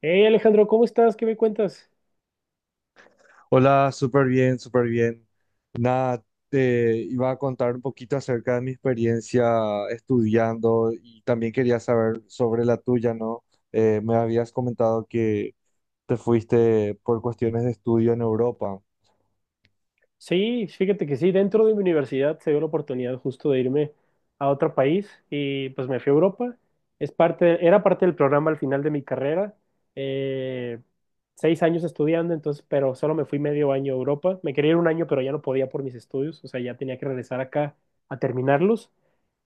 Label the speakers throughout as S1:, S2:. S1: Hey Alejandro, ¿cómo estás? ¿Qué me cuentas?
S2: Hola, súper bien, súper bien. Nada, te iba a contar un poquito acerca de mi experiencia estudiando y también quería saber sobre la tuya, ¿no? Me habías comentado que te fuiste por cuestiones de estudio en Europa.
S1: Sí, fíjate que sí, dentro de mi universidad se dio la oportunidad justo de irme a otro país y pues me fui a Europa. Era parte del programa al final de mi carrera. Eh, 6 años estudiando, entonces, pero solo me fui medio año a Europa. Me quería ir un año, pero ya no podía por mis estudios, o sea, ya tenía que regresar acá a terminarlos.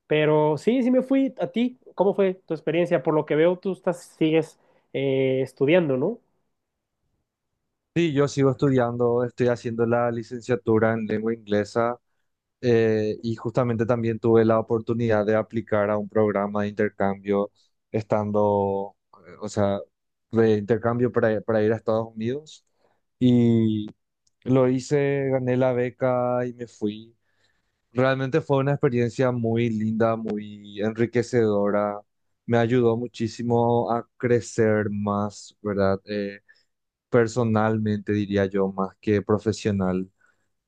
S1: Pero sí, sí me fui. ¿A ti? ¿Cómo fue tu experiencia? Por lo que veo, sigues estudiando, ¿no?
S2: Sí, yo sigo estudiando, estoy haciendo la licenciatura en lengua inglesa. Y justamente también tuve la oportunidad de aplicar a un programa de intercambio estando, o sea, de intercambio para ir a Estados Unidos. Y lo hice, gané la beca y me fui. Realmente fue una experiencia muy linda, muy enriquecedora. Me ayudó muchísimo a crecer más, ¿verdad? Personalmente, diría yo, más que profesional.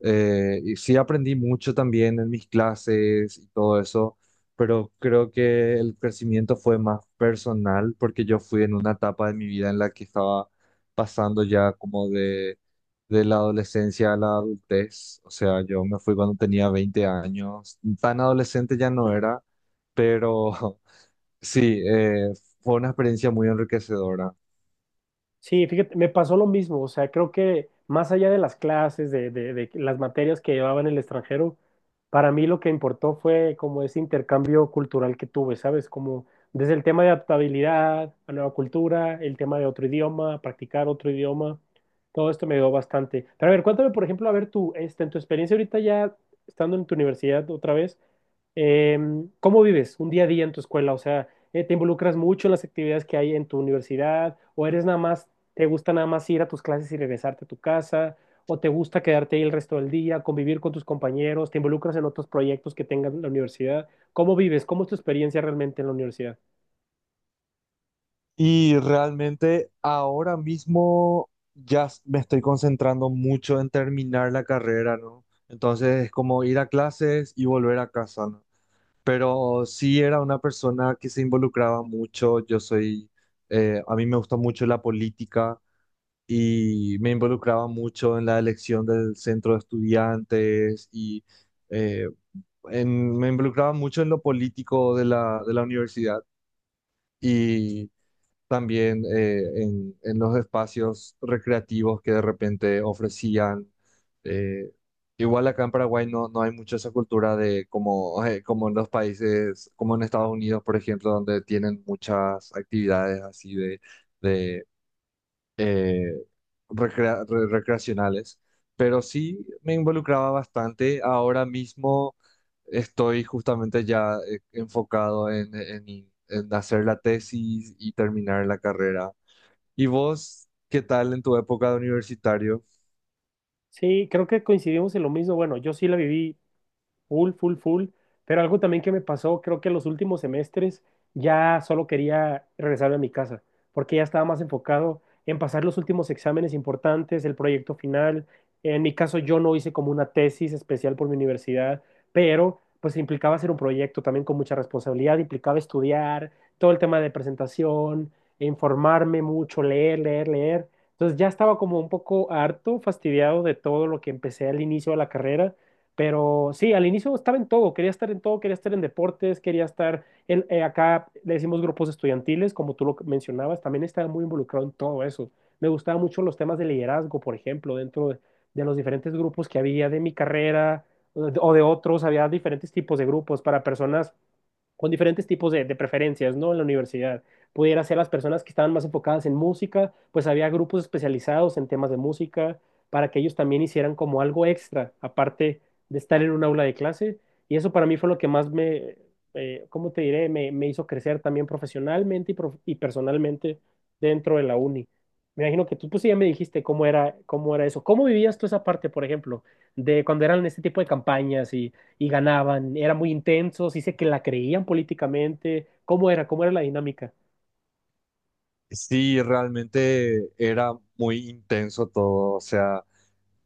S2: Y sí aprendí mucho también en mis clases y todo eso, pero creo que el crecimiento fue más personal porque yo fui en una etapa de mi vida en la que estaba pasando ya como de la adolescencia a la adultez. O sea, yo me fui cuando tenía 20 años. Tan adolescente ya no era, pero sí, fue una experiencia muy enriquecedora.
S1: Sí, fíjate, me pasó lo mismo, o sea, creo que más allá de las clases, de las materias que llevaba en el extranjero, para mí lo que importó fue como ese intercambio cultural que tuve, ¿sabes? Como desde el tema de adaptabilidad a nueva cultura, el tema de otro idioma, practicar otro idioma, todo esto me ayudó bastante. Pero a ver, cuéntame, por ejemplo, a ver tú, este, en tu experiencia ahorita ya estando en tu universidad otra vez, ¿cómo vives un día a día en tu escuela? O sea, ¿te involucras mucho en las actividades que hay en tu universidad o eres nada más ¿te gusta nada más ir a tus clases y regresarte a tu casa? ¿O te gusta quedarte ahí el resto del día, convivir con tus compañeros? ¿Te involucras en otros proyectos que tengas en la universidad? ¿Cómo vives? ¿Cómo es tu experiencia realmente en la universidad?
S2: Y realmente ahora mismo ya me estoy concentrando mucho en terminar la carrera, ¿no? Entonces es como ir a clases y volver a casa, ¿no? Pero sí era una persona que se involucraba mucho. Yo soy, a mí me gusta mucho la política y me involucraba mucho en la elección del centro de estudiantes y eh, me involucraba mucho en lo político de la universidad, también, en los espacios recreativos que de repente ofrecían. eh, Igual acá en Paraguay no, no hay mucha esa cultura de como, como en los países, como en Estados Unidos, por ejemplo, donde tienen muchas actividades así de eh, recreacionales, pero sí me involucraba bastante. Ahora mismo estoy justamente ya enfocado en hacer la tesis y terminar la carrera. ¿Y vos, qué tal en tu época de universitario?
S1: Sí, creo que coincidimos en lo mismo. Bueno, yo sí la viví full, full, full. Pero algo también que me pasó, creo que en los últimos semestres ya solo quería regresarme a mi casa, porque ya estaba más enfocado en pasar los últimos exámenes importantes, el proyecto final. En mi caso yo no hice como una tesis especial por mi universidad, pero pues implicaba hacer un proyecto también con mucha responsabilidad, implicaba estudiar todo el tema de presentación, informarme mucho, leer, leer, leer. Entonces ya estaba como un poco harto, fastidiado de todo lo que empecé al inicio de la carrera, pero sí, al inicio estaba en todo, quería estar en todo, quería estar en deportes, quería estar en, acá, le decimos grupos estudiantiles, como tú lo mencionabas, también estaba muy involucrado en todo eso. Me gustaban mucho los temas de liderazgo, por ejemplo, dentro de los diferentes grupos que había de mi carrera o de otros; había diferentes tipos de grupos para personas con diferentes tipos de preferencias, ¿no? En la universidad. Pudiera ser las personas que estaban más enfocadas en música, pues había grupos especializados en temas de música para que ellos también hicieran como algo extra, aparte de estar en un aula de clase. Y eso para mí fue lo que más me, ¿cómo te diré? Me hizo crecer también profesionalmente y, y personalmente dentro de la uni. Me imagino que tú, pues sí, ya me dijiste cómo era eso. ¿Cómo vivías tú esa parte, por ejemplo, de cuando eran este tipo de campañas y ganaban, eran muy intensos, dice que la creían políticamente. ¿Cómo era? ¿Cómo era la dinámica?
S2: Sí, realmente era muy intenso todo. O sea,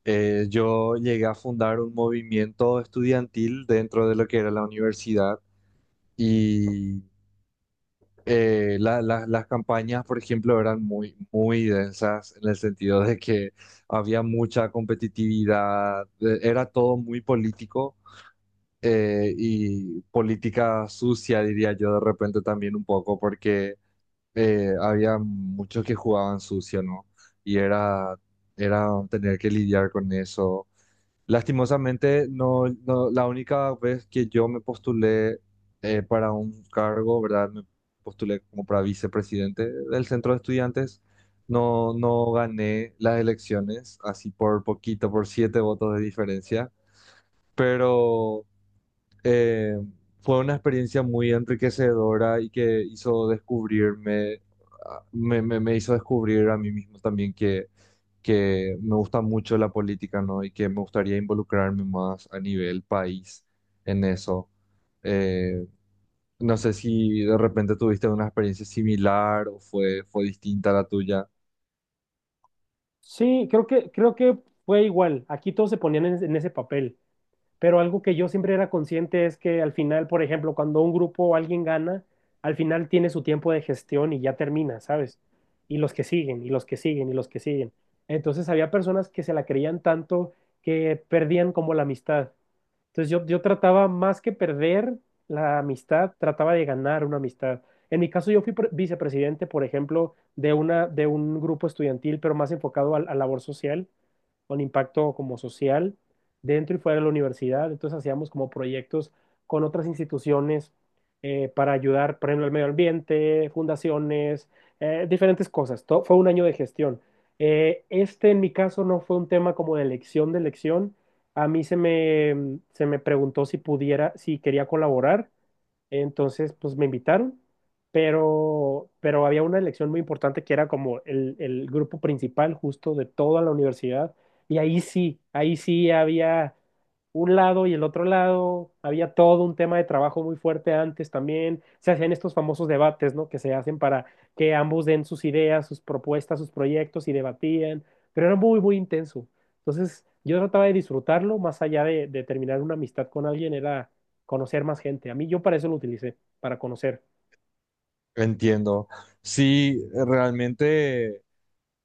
S2: yo llegué a fundar un movimiento estudiantil dentro de lo que era la universidad. Y las campañas, por ejemplo, eran muy, muy densas en el sentido de que había mucha competitividad. Era todo muy político, y política sucia, diría yo, de repente también un poco, porque había muchos que jugaban sucio, ¿no? Y era tener que lidiar con eso. Lastimosamente, la única vez que yo me postulé, para un cargo, ¿verdad? Me postulé como para vicepresidente del centro de estudiantes. No, no gané las elecciones, así por poquito, por siete votos de diferencia, pero eh, fue una experiencia muy enriquecedora y que hizo descubrirme. Me hizo descubrir a mí mismo también que me gusta mucho la política, ¿no? Y que me gustaría involucrarme más a nivel país en eso. Eh, no sé si de repente tuviste una experiencia similar o fue distinta a la tuya.
S1: Sí, creo que fue igual. Aquí todos se ponían en ese papel. Pero algo que yo siempre era consciente es que al final, por ejemplo, cuando un grupo o alguien gana, al final tiene su tiempo de gestión y ya termina, ¿sabes? Y los que siguen, y los que siguen, y los que siguen. Entonces había personas que se la creían tanto que perdían como la amistad. Entonces yo trataba más que perder la amistad, trataba de ganar una amistad. En mi caso yo fui vicepresidente, por ejemplo, de un grupo estudiantil, pero más enfocado a labor social con impacto como social dentro y fuera de la universidad. Entonces hacíamos como proyectos con otras instituciones, para ayudar, por ejemplo, al medio ambiente, fundaciones, diferentes cosas. Fue un año de gestión. Este, en mi caso no fue un tema como de elección de elección. A mí se me preguntó si pudiera, si quería colaborar, entonces, pues me invitaron, pero había una elección muy importante que era como el grupo principal justo de toda la universidad. Y ahí sí había un lado y el otro lado, había todo un tema de trabajo muy fuerte antes también. Se hacían estos famosos debates, ¿no? Que se hacen para que ambos den sus ideas, sus propuestas, sus proyectos y debatían, pero era muy, muy intenso. Entonces, yo trataba de disfrutarlo, más allá de terminar una amistad con alguien, era conocer más gente. A mí yo para eso lo utilicé, para conocer.
S2: Entiendo. Sí, realmente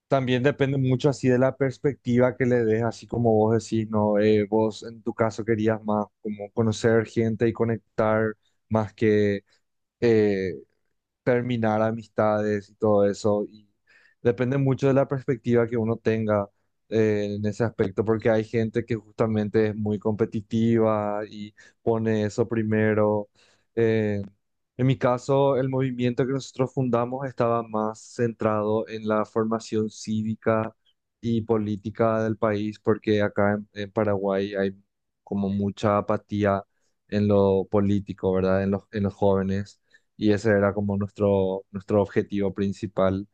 S2: también depende mucho así de la perspectiva que le des, así como vos decís, ¿no? Vos en tu caso querías más como conocer gente y conectar más que eh, terminar amistades y todo eso. Y depende mucho de la perspectiva que uno tenga, en ese aspecto, porque hay gente que justamente es muy competitiva y pone eso primero. Eh, en mi caso, el movimiento que nosotros fundamos estaba más centrado en la formación cívica y política del país, porque acá en Paraguay hay como mucha apatía en lo político, ¿verdad? En los jóvenes. Y ese era como nuestro objetivo principal.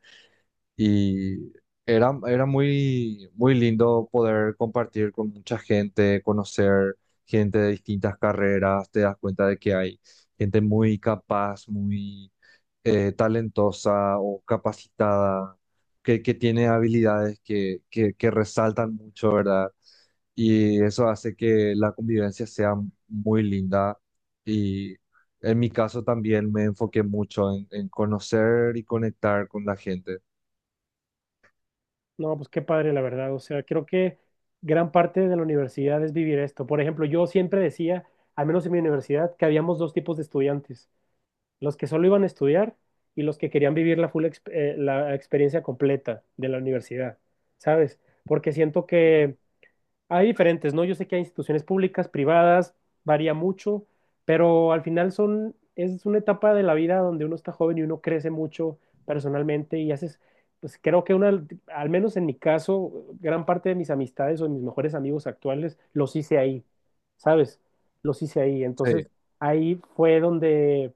S2: Y era muy, muy lindo poder compartir con mucha gente, conocer gente de distintas carreras, te das cuenta de que hay gente muy capaz, muy talentosa o capacitada, que tiene habilidades que resaltan mucho, ¿verdad? Y eso hace que la convivencia sea muy linda, y en mi caso también me enfoqué mucho en conocer y conectar con la gente.
S1: No, pues qué padre, la verdad. O sea, creo que gran parte de la universidad es vivir esto. Por ejemplo, yo siempre decía, al menos en mi universidad, que habíamos dos tipos de estudiantes, los que solo iban a estudiar y los que querían vivir la experiencia completa de la universidad, ¿sabes? Porque siento que hay diferentes, ¿no? Yo sé que hay instituciones públicas, privadas, varía mucho, pero al final es una etapa de la vida donde uno está joven y uno crece mucho personalmente y haces, pues creo que una, al menos en mi caso, gran parte de mis amistades o de mis mejores amigos actuales los hice ahí, ¿sabes? Los hice ahí. Entonces,
S2: Sí,
S1: ahí fue donde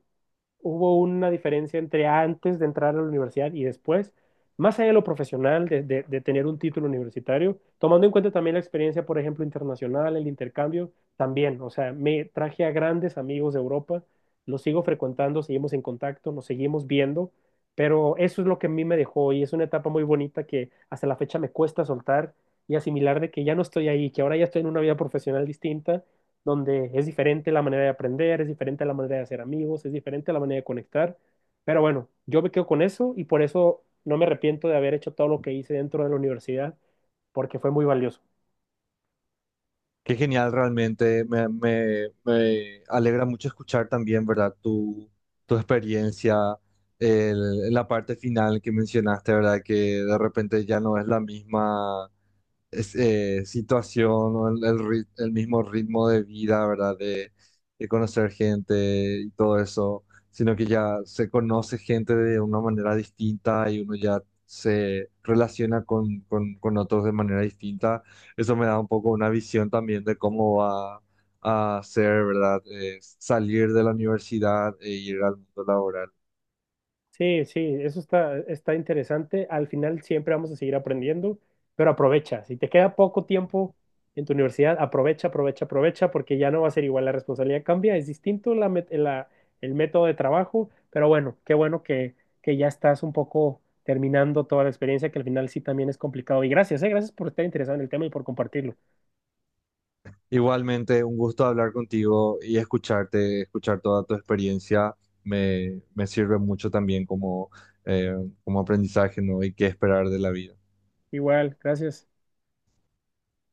S1: hubo una diferencia entre antes de entrar a la universidad y después, más allá de lo profesional, de, de tener un título universitario, tomando en cuenta también la experiencia, por ejemplo, internacional, el intercambio, también, o sea, me traje a grandes amigos de Europa, los sigo frecuentando, seguimos en contacto, nos seguimos viendo, pero eso es lo que a mí me dejó, y es una etapa muy bonita que hasta la fecha me cuesta soltar y asimilar de que ya no estoy ahí, que ahora ya estoy en una vida profesional distinta donde es diferente la manera de aprender, es diferente la manera de hacer amigos, es diferente la manera de conectar. Pero bueno, yo me quedo con eso y por eso no me arrepiento de haber hecho todo lo que hice dentro de la universidad, porque fue muy valioso.
S2: qué genial realmente. Me alegra mucho escuchar también, ¿verdad? Tu experiencia, la parte final que mencionaste, ¿verdad? Que de repente ya no es la misma situación o el mismo ritmo de vida, ¿verdad? De conocer gente y todo eso, sino que ya se conoce gente de una manera distinta y uno ya se relaciona con otros de manera distinta. Eso me da un poco una visión también de cómo va a ser, ¿verdad? Salir de la universidad e ir al mundo laboral.
S1: Sí, sí, eso está, está interesante. Al final siempre vamos a seguir aprendiendo, pero aprovecha. Si te queda poco tiempo en tu universidad, aprovecha, aprovecha, aprovecha, porque ya no va a ser igual. La responsabilidad cambia, es distinto el método de trabajo, pero bueno, qué bueno que ya estás un poco terminando toda la experiencia, que al final sí también es complicado. Y gracias, gracias por estar interesado en el tema y por compartirlo.
S2: Igualmente, un gusto hablar contigo y escucharte. Escuchar toda tu experiencia me sirve mucho también eh, como aprendizaje, ¿no? Y qué esperar de la vida.
S1: Igual, gracias.